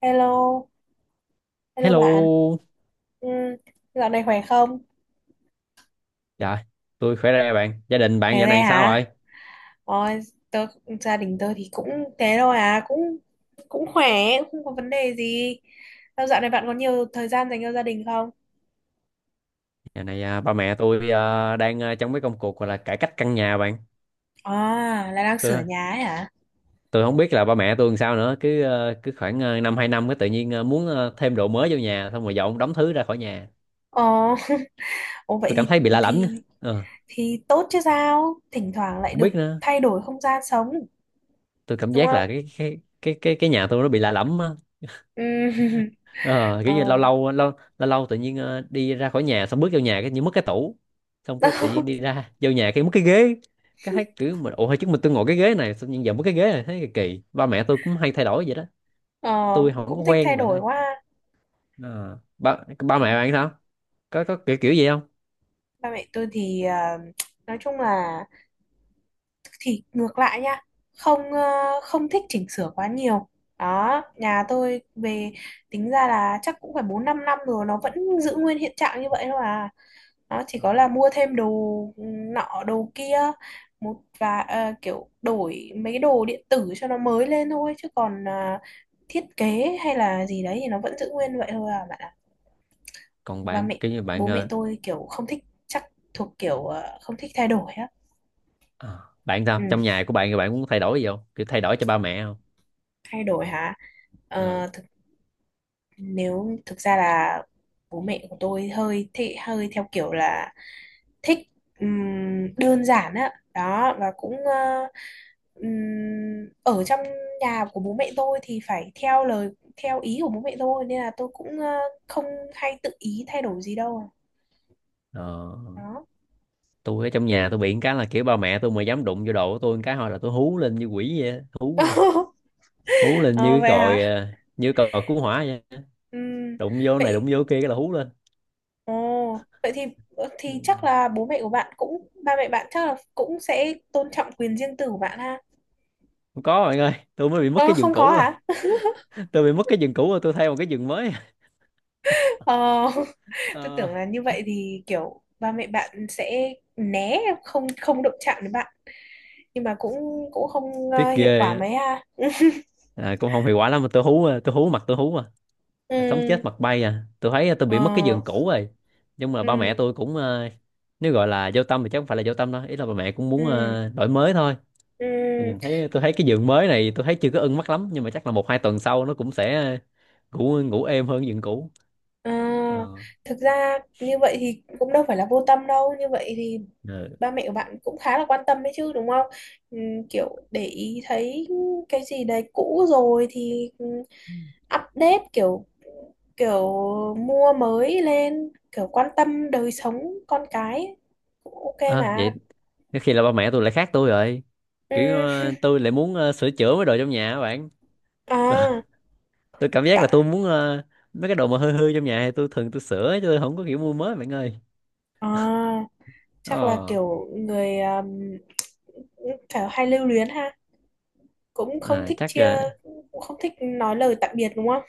Hello, hello bạn. Hello, Ừ, dạo này khỏe không? dạ, tôi khỏe đây bạn. Gia đình bạn Khỏe dạo re này sao hả? rồi? Ôi, tớ, gia đình tớ thì cũng thế thôi à, cũng cũng khỏe, cũng không có vấn đề gì. Sao dạo này bạn có nhiều thời gian dành cho gia đình không? Dạo này ba mẹ tôi đang trong mấy công cuộc gọi là cải cách căn nhà bạn. À, là đang sửa Tôi nhà ấy hả? tôi không biết là ba mẹ tôi làm sao nữa. Cứ khoảng năm hai năm cái tự nhiên muốn thêm đồ mới vô nhà, xong rồi dọn đóng thứ ra khỏi nhà. Ồ, ồ vậy Tôi cảm thì thấy bị lạ lẫm. thì Ờ, thì tốt chứ sao? Thỉnh thoảng lại không được biết nữa. thay đổi không gian sống, Tôi cảm đúng giác không? là cái nhà tôi nó bị lạ lẫm á. Ừ, Ờ kiểu như lâu ờ, lâu lâu lâu lâu tự nhiên đi ra khỏi nhà xong bước vô nhà cái như mất cái tủ, xong cái tự nhiên đi ra vô nhà cái mất cái ghế, cái thấy kiểu mình ủa hồi trước tôi ngồi cái ghế này xong nhưng giờ mất cái ghế này thấy kỳ kỳ. Ba mẹ tôi cũng hay thay đổi vậy đó, ờ, tôi không có cũng thích thay quen bạn đổi ơi. quá. Ờ, ba ba mẹ bạn sao, có kiểu kiểu gì không? Ba mẹ tôi thì nói chung là thì ngược lại nha, không ờ, không thích chỉnh sửa quá nhiều đó. Nhà tôi về tính ra là chắc cũng phải bốn năm năm rồi nó vẫn giữ nguyên hiện trạng như vậy thôi à. Nó chỉ Ờ. có là mua thêm đồ nọ đồ kia, một và kiểu đổi mấy cái đồ điện tử cho nó mới lên thôi, chứ còn thiết kế hay là gì đấy thì nó vẫn giữ nguyên vậy thôi à bạn ạ. Còn Ba bạn mẹ kiểu như bạn Bố mẹ ờ, tôi kiểu không thích, chắc thuộc kiểu không thích thay đổi á. ờ, bạn Ừ, sao, trong nhà của bạn thì bạn cũng thay đổi gì không, kiểu thay đổi cho ba mẹ không? thay đổi hả. Ờ. Ờ, nếu thực ra là bố mẹ của tôi hơi thị hơi theo kiểu là thích, đơn giản á đó, và cũng ở trong nhà của bố mẹ tôi thì phải theo lời, theo ý của bố mẹ tôi, nên là tôi cũng không hay tự ý thay đổi gì đâu Ờ. đó. Tôi ở trong nhà tôi bị một cái là kiểu ba mẹ tôi mà dám đụng vô đồ của tôi một cái thôi là tôi hú lên như quỷ vậy á. hú lên hú lên như Ờ, cái vậy hả. còi, như còi cứu hỏa vậy. Ừm, Đụng vô này đụng vậy vô kia cái là hú lên. Ồ vậy thì Ừ. thì chắc là bố mẹ của bạn cũng ba mẹ bạn chắc là cũng sẽ tôn trọng quyền riêng tư của bạn ha. Không có bạn ơi, tôi mới bị mất Ờ, cái giường không có cũ rồi. hả? Tôi bị mất cái giường cũ rồi, tôi thay một cái giường mới. Ờ, tôi Ờ, tưởng là như vậy thì kiểu ba mẹ bạn sẽ né, không không động chạm đến bạn, nhưng mà cũng cũng không tiếc hiệu ghê quả á. mấy ha. Cũng không hiệu quả lắm mà tôi hú mặt tôi hú, sống Ừ, chết mặt bay, tôi thấy tôi bị mất cái ờ, giường cũ rồi. Nhưng mà ba mẹ ừ, tôi cũng nếu gọi là vô tâm thì chắc không phải là vô tâm đâu, ý là ba mẹ cũng muốn ừ, đổi mới thôi. ừ, Tôi thấy cái giường mới này tôi thấy chưa có ưng mắt lắm, nhưng mà chắc là một hai tuần sau nó cũng sẽ ngủ ngủ êm hơn giường cũ. ờ. Ờ. Thực ra như vậy thì cũng đâu phải là vô tâm đâu, như vậy thì Ừ. ba mẹ của bạn cũng khá là quan tâm đấy chứ đúng không? Ừ, kiểu để ý thấy cái gì đấy cũ rồi thì update, kiểu kiểu mua mới lên, kiểu quan tâm đời sống con cái cũng ok à, mà vậy có khi là ba mẹ tôi lại khác tôi rồi. ừ. Kiểu tôi lại muốn sửa chữa mấy đồ trong nhà các bạn. À Tôi cảm giác là bạn, mấy cái đồ mà hư hư trong nhà thì tôi thường tôi sửa chứ tôi không có kiểu mua mới bạn ơi. à chắc là ờ kiểu người kiểu hay lưu luyến ha, cũng không à, thích chắc chia ờ, cũng không thích nói lời tạm biệt đúng không.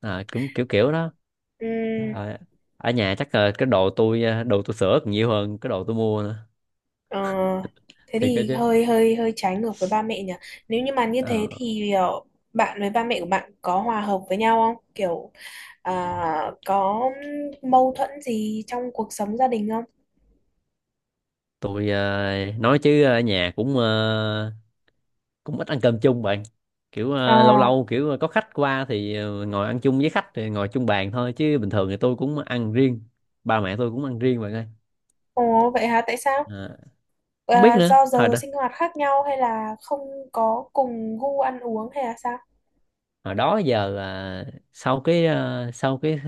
Cũng kiểu kiểu đó. Ừ. Trời ơi, ở nhà chắc ờ, cái đồ tôi ờ, đồ tôi sửa còn nhiều hơn cái đồ tôi mua nữa, ờ, Thế thiệt đó thì chứ. hơi hơi hơi trái ngược với ba mẹ nhỉ. Nếu như mà như Ờ. thế thì bạn với ba mẹ của bạn có hòa hợp với nhau không, kiểu À, có mâu thuẫn gì trong cuộc sống gia đình không? Nói chứ ở nhà cũng ít ăn cơm chung bạn, kiểu Ờ, lâu lâu kiểu có khách qua thì ngồi ăn chung với khách thì ngồi chung bàn thôi, chứ bình thường thì tôi cũng ăn riêng, ba mẹ tôi cũng ăn riêng bạn ơi. ồ vậy hả? Tại sao? Ờ, không biết À, nữa, do giờ sinh hoạt khác nhau hay là không có cùng gu ăn uống hay là sao? hồi đó giờ là sau cái ờ,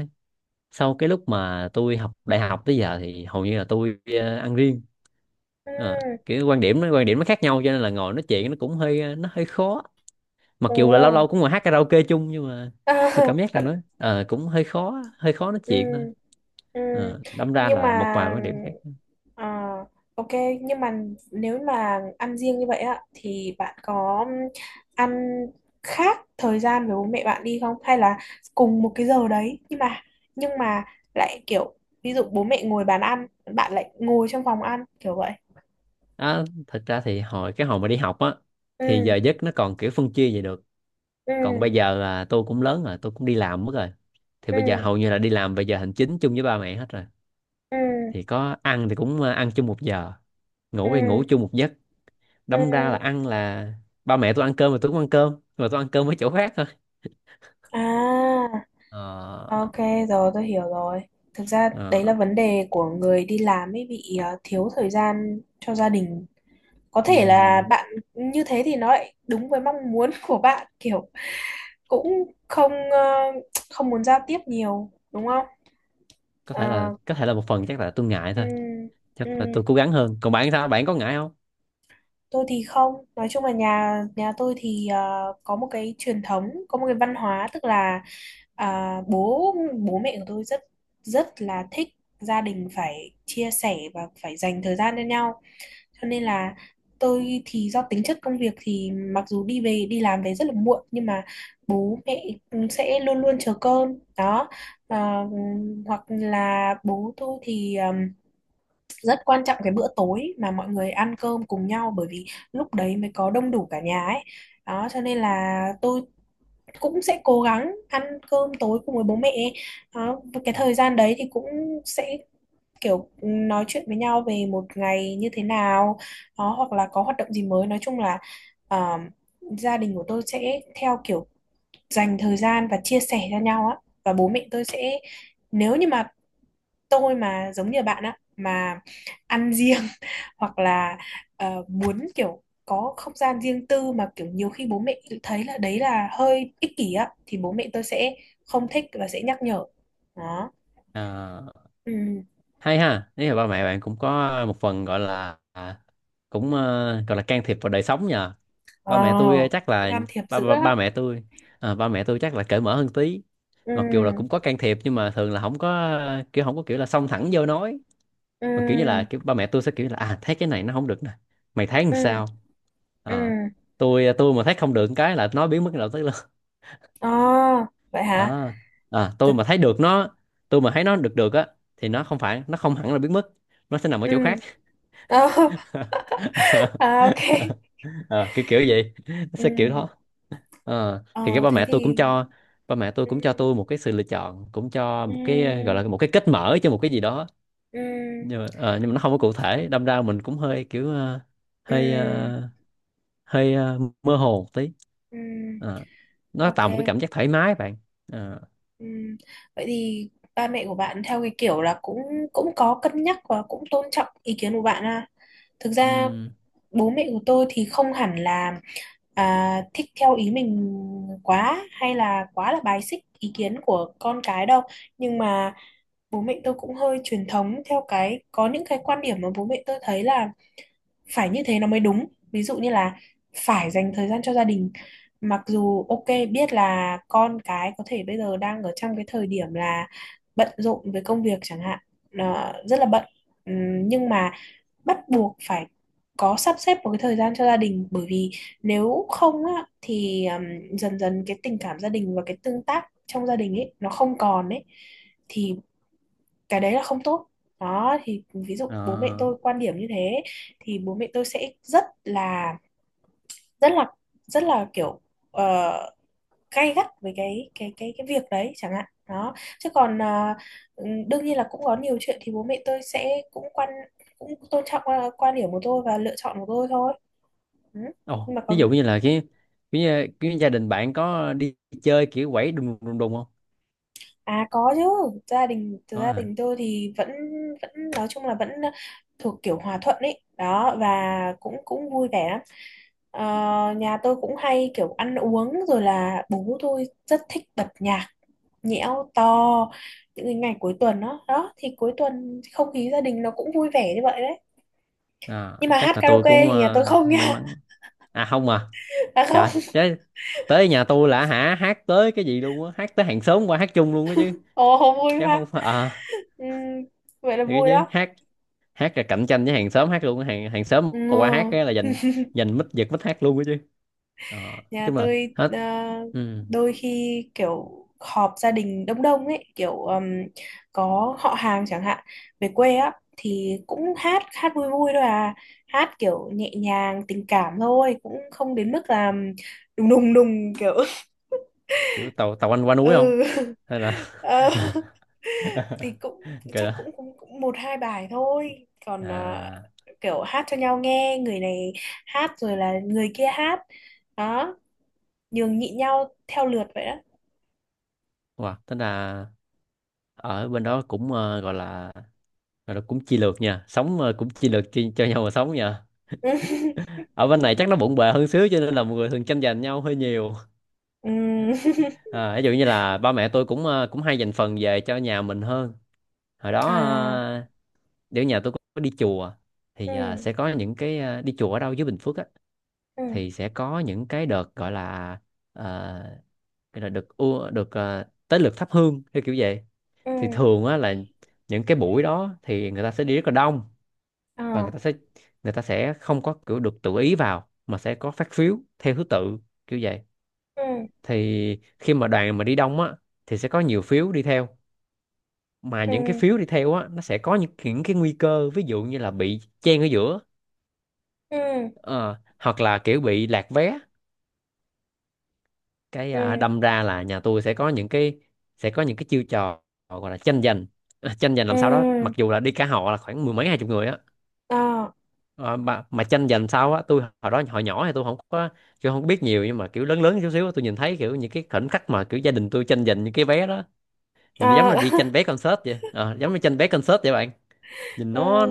sau cái lúc mà tôi học đại học tới giờ thì hầu như là ăn riêng. Ừ, Ờ, kiểu quan điểm nó khác nhau cho nên là ngồi nói chuyện nó cũng nó hơi khó, mặc dù là lâu lâu ồ, cũng ngồi hát karaoke chung, nhưng mà à, tôi cảm giác là vẫn, cũng hơi khó nói ừ. chuyện thôi. Ừ, Ờ, đâm ra nhưng mà là một vài quan điểm khác. ờ, ok, nhưng mà nếu mà ăn riêng như vậy á thì bạn có ăn khác thời gian với bố mẹ bạn đi không, hay là cùng một cái giờ đấy, nhưng mà lại kiểu ví dụ bố mẹ ngồi bàn ăn, bạn lại ngồi trong phòng ăn kiểu vậy. À, thật ra thì hồi mà đi học á thì Ừ, giờ giấc nó còn kiểu phân chia vậy được, ừ, còn bây giờ là tôi cũng lớn rồi, tôi cũng đi làm mất rồi, thì ừ, bây giờ hầu như là đi làm về giờ hành chính chung với ba mẹ hết rồi, ừ, thì có ăn thì cũng ăn chung một giờ, ừ, ngủ thì ngủ chung một giấc, đâm ra là ừ, ăn là ba mẹ tôi ăn cơm mà tôi cũng ăn cơm mà tôi ăn cơm ở chỗ khác thôi. à. Ờ, Ok, rồi tôi hiểu rồi. Thực ra ờ, đấy là vấn đề của người đi làm ấy, bị thiếu thời gian cho gia đình. Có ừ. thể là bạn như thế thì nó lại đúng với mong muốn của bạn, kiểu cũng không muốn giao tiếp nhiều đúng không? Ờ, Có thể là một phần chắc là tôi ngại ừ, thôi, chắc ừ. là tôi cố gắng hơn. Còn bạn sao, bạn có ngại không? Tôi thì không, nói chung là nhà nhà tôi thì có một cái truyền thống, có một cái văn hóa, tức là à, bố bố mẹ của tôi rất, rất là thích gia đình phải chia sẻ và phải dành thời gian cho nhau. Cho nên là tôi thì do tính chất công việc thì mặc dù đi làm về rất là muộn nhưng mà bố mẹ sẽ luôn luôn chờ cơm đó. Ờ, Hoặc là bố tôi thì rất quan trọng cái bữa tối mà mọi người ăn cơm cùng nhau, bởi vì lúc đấy mới có đông đủ cả nhà ấy đó, cho nên là tôi cũng sẽ cố gắng ăn cơm tối cùng với bố mẹ đó. Và cái Ừ. thời gian đấy thì cũng sẽ kiểu nói chuyện với nhau về một ngày như thế nào đó, hoặc là có hoạt động gì mới. Nói chung là ờ, gia đình của tôi sẽ theo kiểu dành thời gian và chia sẻ cho nhau á, và bố mẹ tôi sẽ, nếu như mà tôi mà giống như bạn á mà ăn riêng hoặc là muốn kiểu có không gian riêng tư mà kiểu nhiều khi bố mẹ tự thấy là đấy là hơi ích kỷ á, thì bố mẹ tôi sẽ không thích và sẽ nhắc nhở đó. À, Ừ, hay ha, nếu là ba mẹ bạn cũng có một phần gọi là gọi là can thiệp vào đời sống nhờ. ờ, Ba mẹ tôi, chắc cũng là can thiệp ba dữ ba, á. ba mẹ tôi à, ba mẹ tôi chắc là cởi mở hơn tí, Ừ, mặc dù là cũng có can thiệp nhưng mà thường là không có kiểu, không có kiểu là xông thẳng vô nói, mà kiểu như là ừ, kiểu ba mẹ tôi sẽ kiểu là à thấy cái này nó không được nè, mày thấy làm ừ, sao. ừ, à, tôi mà thấy không được cái là nói biến mất đầu tới luôn. ờ, vậy hả. à, tôi Thật- mà thấy được nó, tôi mà thấy nó được được á thì nó không phải nó không hẳn là biến mất, nó sẽ nằm ở ừ. chỗ khác. Ờ, à, ok, Ờ, kiểu kiểu vậy, nó ừ, sẽ kiểu đó. Ờ, thì cái ờ thế thì ba mẹ tôi ừ, cũng cho tôi một cái sự lựa chọn, cũng cho một cái gọi ừ, là một cái kết mở cho một cái gì đó, ừ, nhưng mà nó không có cụ thể, đâm ra mình cũng hơi kiểu hơi ừ, ờ, mơ hồ một tí. ừ, Ờ, nó tạo một cái ok. cảm giác thoải mái bạn. Ờ, Ừ. Vậy thì ba mẹ của bạn theo cái kiểu là cũng cũng có cân nhắc và cũng tôn trọng ý kiến của bạn à. Thực ra ừm, bố mẹ của tôi thì không hẳn là thích theo ý mình quá hay là quá là bài xích ý kiến của con cái đâu. Nhưng mà bố mẹ tôi cũng hơi truyền thống, theo cái có những cái quan điểm mà bố mẹ tôi thấy là phải như thế nó mới đúng, ví dụ như là phải dành thời gian cho gia đình. Mặc dù ok biết là con cái có thể bây giờ đang ở trong cái thời điểm là bận rộn với công việc chẳng hạn, nó rất là bận, nhưng mà bắt buộc phải có sắp xếp một cái thời gian cho gia đình, bởi vì nếu không á thì dần dần cái tình cảm gia đình và cái tương tác trong gia đình ấy nó không còn ấy, thì cái đấy là không tốt đó. Thì ví dụ bố mẹ ờ. tôi quan điểm như thế thì bố mẹ tôi sẽ rất là rất là kiểu uh, gay gắt với cái việc đấy chẳng hạn đó. Chứ còn đương nhiên là cũng có nhiều chuyện thì bố mẹ tôi sẽ cũng tôn trọng quan điểm của tôi và lựa chọn của tôi thôi. Ừ. Ồ, Nhưng mà ví dụ còn như là cái gia đình bạn có đi chơi kiểu quẩy đùng đùng đùng không? à, có chứ, gia đình Có gia à. đình tôi thì vẫn vẫn nói chung là vẫn thuộc kiểu hòa thuận ấy đó, và cũng cũng vui vẻ lắm. Ờ, nhà tôi cũng hay kiểu ăn uống rồi là bố tôi rất thích bật nhạc nhẽo to những cái ngày cuối tuần đó đó, thì cuối tuần không khí gia đình nó cũng vui vẻ như vậy đấy. À, Nhưng mà hát chắc là tôi karaoke cũng thì nhà tôi không may nha. mắn. À không à. À không. Trời, chứ tới nhà tôi là hả hát tới cái gì luôn á, hát tới hàng xóm qua hát chung luôn á chứ. Ồ không vui Chứ ha. không phải à, Ừm, vậy là thì vui chứ đó. hát hát là cạnh tranh với hàng xóm hát luôn á. Hàng hàng xóm mà qua hát Ừ, cái là giành giành mic giật mic hát luôn á chứ. Ờ, nói nhà chung là tôi hết. ừ, đôi khi kiểu họp gia đình đông đông ấy, kiểu có họ hàng chẳng hạn về quê á, thì cũng hát hát vui vui thôi à, hát kiểu nhẹ nhàng tình cảm thôi, cũng không đến mức là đùng đùng đùng kiểu Kiểu tàu tàu anh qua núi không? ừ. Hay là Ờ, thì cũng cái chắc đó. cũng cũng, cũng một hai bài thôi, còn À. kiểu hát cho nhau nghe, người này hát rồi là người kia hát. Đó, nhường nhịn nhau theo lượt vậy đó. Wow, tính là ở bên đó cũng gọi là cũng chi lược nha, sống cũng chi lược cho nhau mà sống nha. Ừ, Ở bên này chắc nó bộn bề hơn xíu cho nên là mọi người thường tranh giành nhau hơi nhiều. ừ, À, ví dụ như là ba mẹ tôi cũng cũng hay dành phần về cho nhà mình hơn. Hồi đó à, nếu nhà tôi có đi chùa ừ, thì sẽ có những cái đi chùa ở đâu dưới Bình Phước á, ừ, thì sẽ có những cái đợt gọi là, à, cái là được được, tới lượt thắp hương theo kiểu vậy, ừ, thì thường á là những cái buổi đó thì người ta sẽ đi rất là đông, và ờ, người ta sẽ không có kiểu được tự ý vào, mà sẽ có phát phiếu theo thứ tự kiểu vậy. ừ, Thì khi mà đoàn mà đi đông á thì sẽ có nhiều phiếu đi theo, mà ừ, những cái phiếu đi theo á nó sẽ có những, cái nguy cơ ví dụ như là bị chen ở giữa, ừ, ờ, hoặc là kiểu bị lạc vé, cái ừ, đâm ra là nhà tôi sẽ có những cái, chiêu trò gọi là tranh giành, tranh giành làm sao đó, mặc ừ, dù là đi cả họ là khoảng mười mấy hai chục người á. ờ, Ờ, mà tranh giành sau á, tôi hồi đó hồi nhỏ thì tôi không có biết nhiều, nhưng mà kiểu lớn lớn chút xíu á, tôi nhìn thấy kiểu những cái khoảnh khắc mà kiểu gia đình tôi tranh giành những cái vé đó, nhìn nó giống ờ, là đi tranh vé concert vậy. Ờ, giống như tranh vé concert vậy bạn, nhìn ừ, nó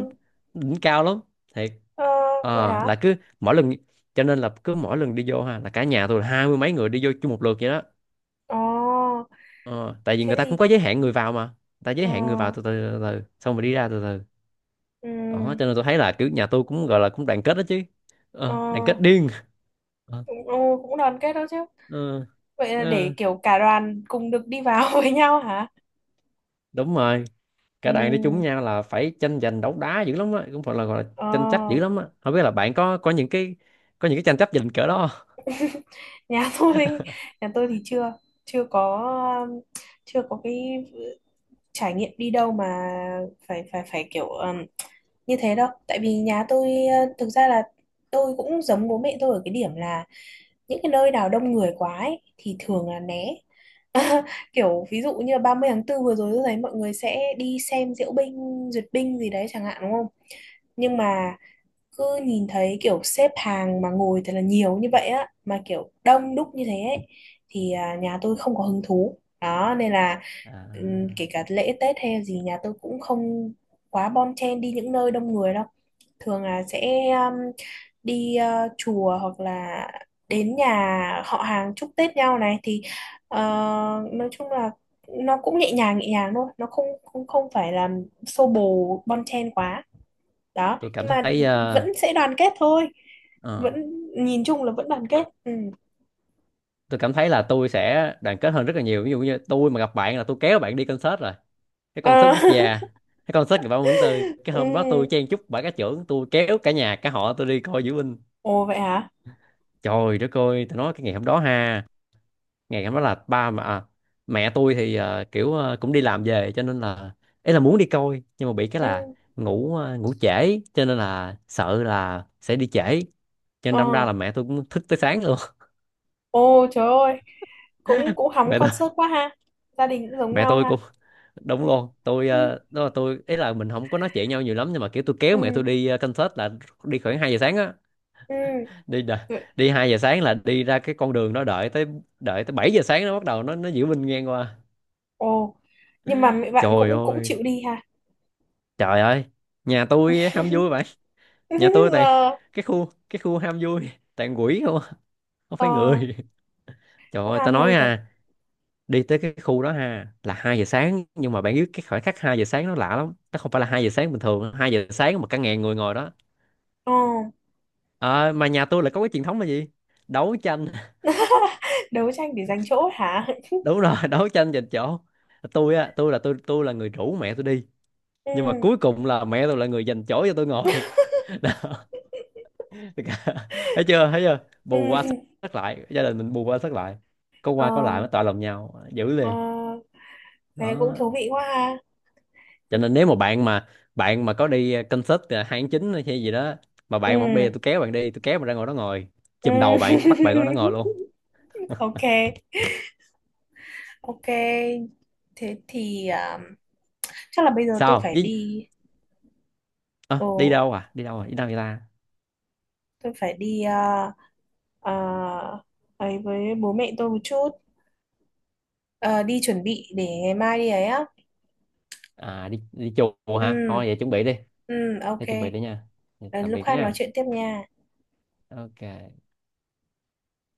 đỉnh cao lắm, thiệt. ờ vậy Ờ, hả. là cứ mỗi lần cho nên là cứ mỗi lần đi vô ha là cả nhà tôi là hai mươi mấy người đi vô chung một lượt vậy đó. ờ Ờ, tại vì Thế người ta cũng thì có giới hạn người vào, mà người ta giới ờ, hạn người vào từ từ, xong rồi đi ra từ từ, đó ừ, cho nên tôi thấy là kiểu nhà tôi cũng gọi là cũng đoàn kết đó chứ. ờ, Ờ, đoàn kết điên. Ờ, cũng ờ, cũng đoàn kết đó chứ. ờ, Vậy là để ờ, kiểu cả đoàn cùng được đi vào với nhau hả. đúng rồi, cả đoàn đi chung Ừ, nhau là phải tranh giành đấu đá dữ lắm á, cũng phải là gọi là ờ, tranh chấp dữ lắm á. Không biết là bạn có những cái, có những cái tranh chấp giành cỡ đó không? nhà tôi nhà tôi thì chưa chưa có um, chưa có cái trải nghiệm đi đâu mà phải phải phải kiểu như thế đâu, tại vì nhà tôi thực ra là tôi cũng giống bố mẹ tôi ở cái điểm là những cái nơi nào đông người quá ấy, thì thường là né. Kiểu ví dụ như là 30/4 vừa rồi tôi thấy mọi người sẽ đi xem diễu binh duyệt binh gì đấy chẳng hạn đúng không, nhưng mà cứ nhìn thấy kiểu xếp hàng mà ngồi thật là nhiều như vậy á mà kiểu đông đúc như thế ấy, thì nhà tôi không có hứng thú đó, nên là à, kể cả lễ Tết hay gì nhà tôi cũng không quá bon chen đi những nơi đông người đâu, thường là sẽ đi chùa hoặc là đến nhà họ hàng chúc Tết nhau này, thì ờ, nói chung là nó cũng nhẹ nhàng thôi, nó không không không phải là xô bồ bon chen quá đó, tôi cảm nhưng mà thấy ờ, vẫn sẽ đoàn kết thôi, vẫn ờ, nhìn chung là vẫn đoàn kết ừ. tôi cảm thấy là tôi sẽ đoàn kết hơn rất là nhiều, ví dụ như tôi mà gặp bạn là tôi kéo bạn đi concert rồi, cái concert Ờ, quốc gia, cái concert của Bảo Mẫn Tư. Cái ừ. hôm đó tôi chen chúc bà cá trưởng, tôi kéo cả nhà cả họ tôi đi coi diễu binh, Ồ vậy hả. trời đất ơi tôi nói cái ngày hôm đó ha. Ngày hôm nói là mẹ tôi thì cũng đi làm về cho nên là ấy là muốn đi coi, nhưng mà bị cái Ừ. là ngủ trễ cho nên là sợ là sẽ đi trễ, cho nên đâm ra Ờ. là mẹ tôi cũng thức tới sáng luôn. Ồ trời ơi, cũng cũng hóng mẹ tôi concert quá ha, gia đình cũng giống mẹ nhau tôi ha. cũng đúng luôn, Ừ. Đó là tôi, ấy là mình không có nói chuyện nhau nhiều lắm, nhưng mà kiểu tôi Ừ. kéo mẹ tôi đi concert là đi khoảng 2 giờ sáng á, Ừ. đi đà- Vậy- đi 2 giờ sáng là đi ra cái con đường đó, đợi tới, đợi tới 7 giờ sáng nó bắt đầu nó diễu binh ngang qua. Ồ, nhưng mà mẹ bạn Trời cũng cũng ơi, chịu đi ha. trời ơi, nhà tôi ham vui vậy, nhà tôi toàn Ờ. Cái khu ham vui, toàn quỷ không à, không phải Ờ. người. Trời Cũng ơi tao ham nói vui thật. à, đi tới cái khu đó ha là 2 giờ sáng, nhưng mà bạn biết cái khoảnh khắc 2 giờ sáng nó lạ lắm, nó không phải là 2 giờ sáng bình thường, 2 giờ sáng mà cả ngàn người ngồi đó. Ờ. Ờ, mà nhà tôi là có cái truyền thống là gì, đấu tranh. Đấu tranh để giành chỗ hả. Đúng rồi, đấu tranh giành chỗ. Tôi á tôi là tôi tôi là người rủ mẹ tôi đi, nhưng mà Ừ. cuối cùng là mẹ tôi là người giành chỗ cho tôi ngồi. Thấy chưa, thấy chưa, Ừ. bù qua sắp lại, gia đình mình bù qua sắp lại, có Ờ. qua có lại nó tọa lòng nhau giữ Ờ. liền. Thế cũng Đó, thú vị quá ha. cho nên nếu mà bạn mà, có đi concert 2 tháng 9 hay gì đó, mà bạn mà bây giờ Ừ, tôi kéo bạn đi, tôi kéo bạn ra ngồi đó ngồi, chùm ừm, đầu bạn bắt bạn ngồi đó ngồi luôn. ok, ok, thế thì chắc là bây giờ tôi Sao phải đi? đi. Ồ, À, đi đâu, à đi đâu, à đi đâu vậy ta? tôi phải đi ờ, ấy với bố mẹ tôi một chút. Ờ, đi chuẩn bị để ngày mai đi ấy á. À, đi đi chùa hả, Ừ, thôi vậy chuẩn bị đi. ừ, Thế ok. chuẩn bị đi nha, Ờ, tạm lúc biệt khác nói nha. chuyện tiếp nha. Ok.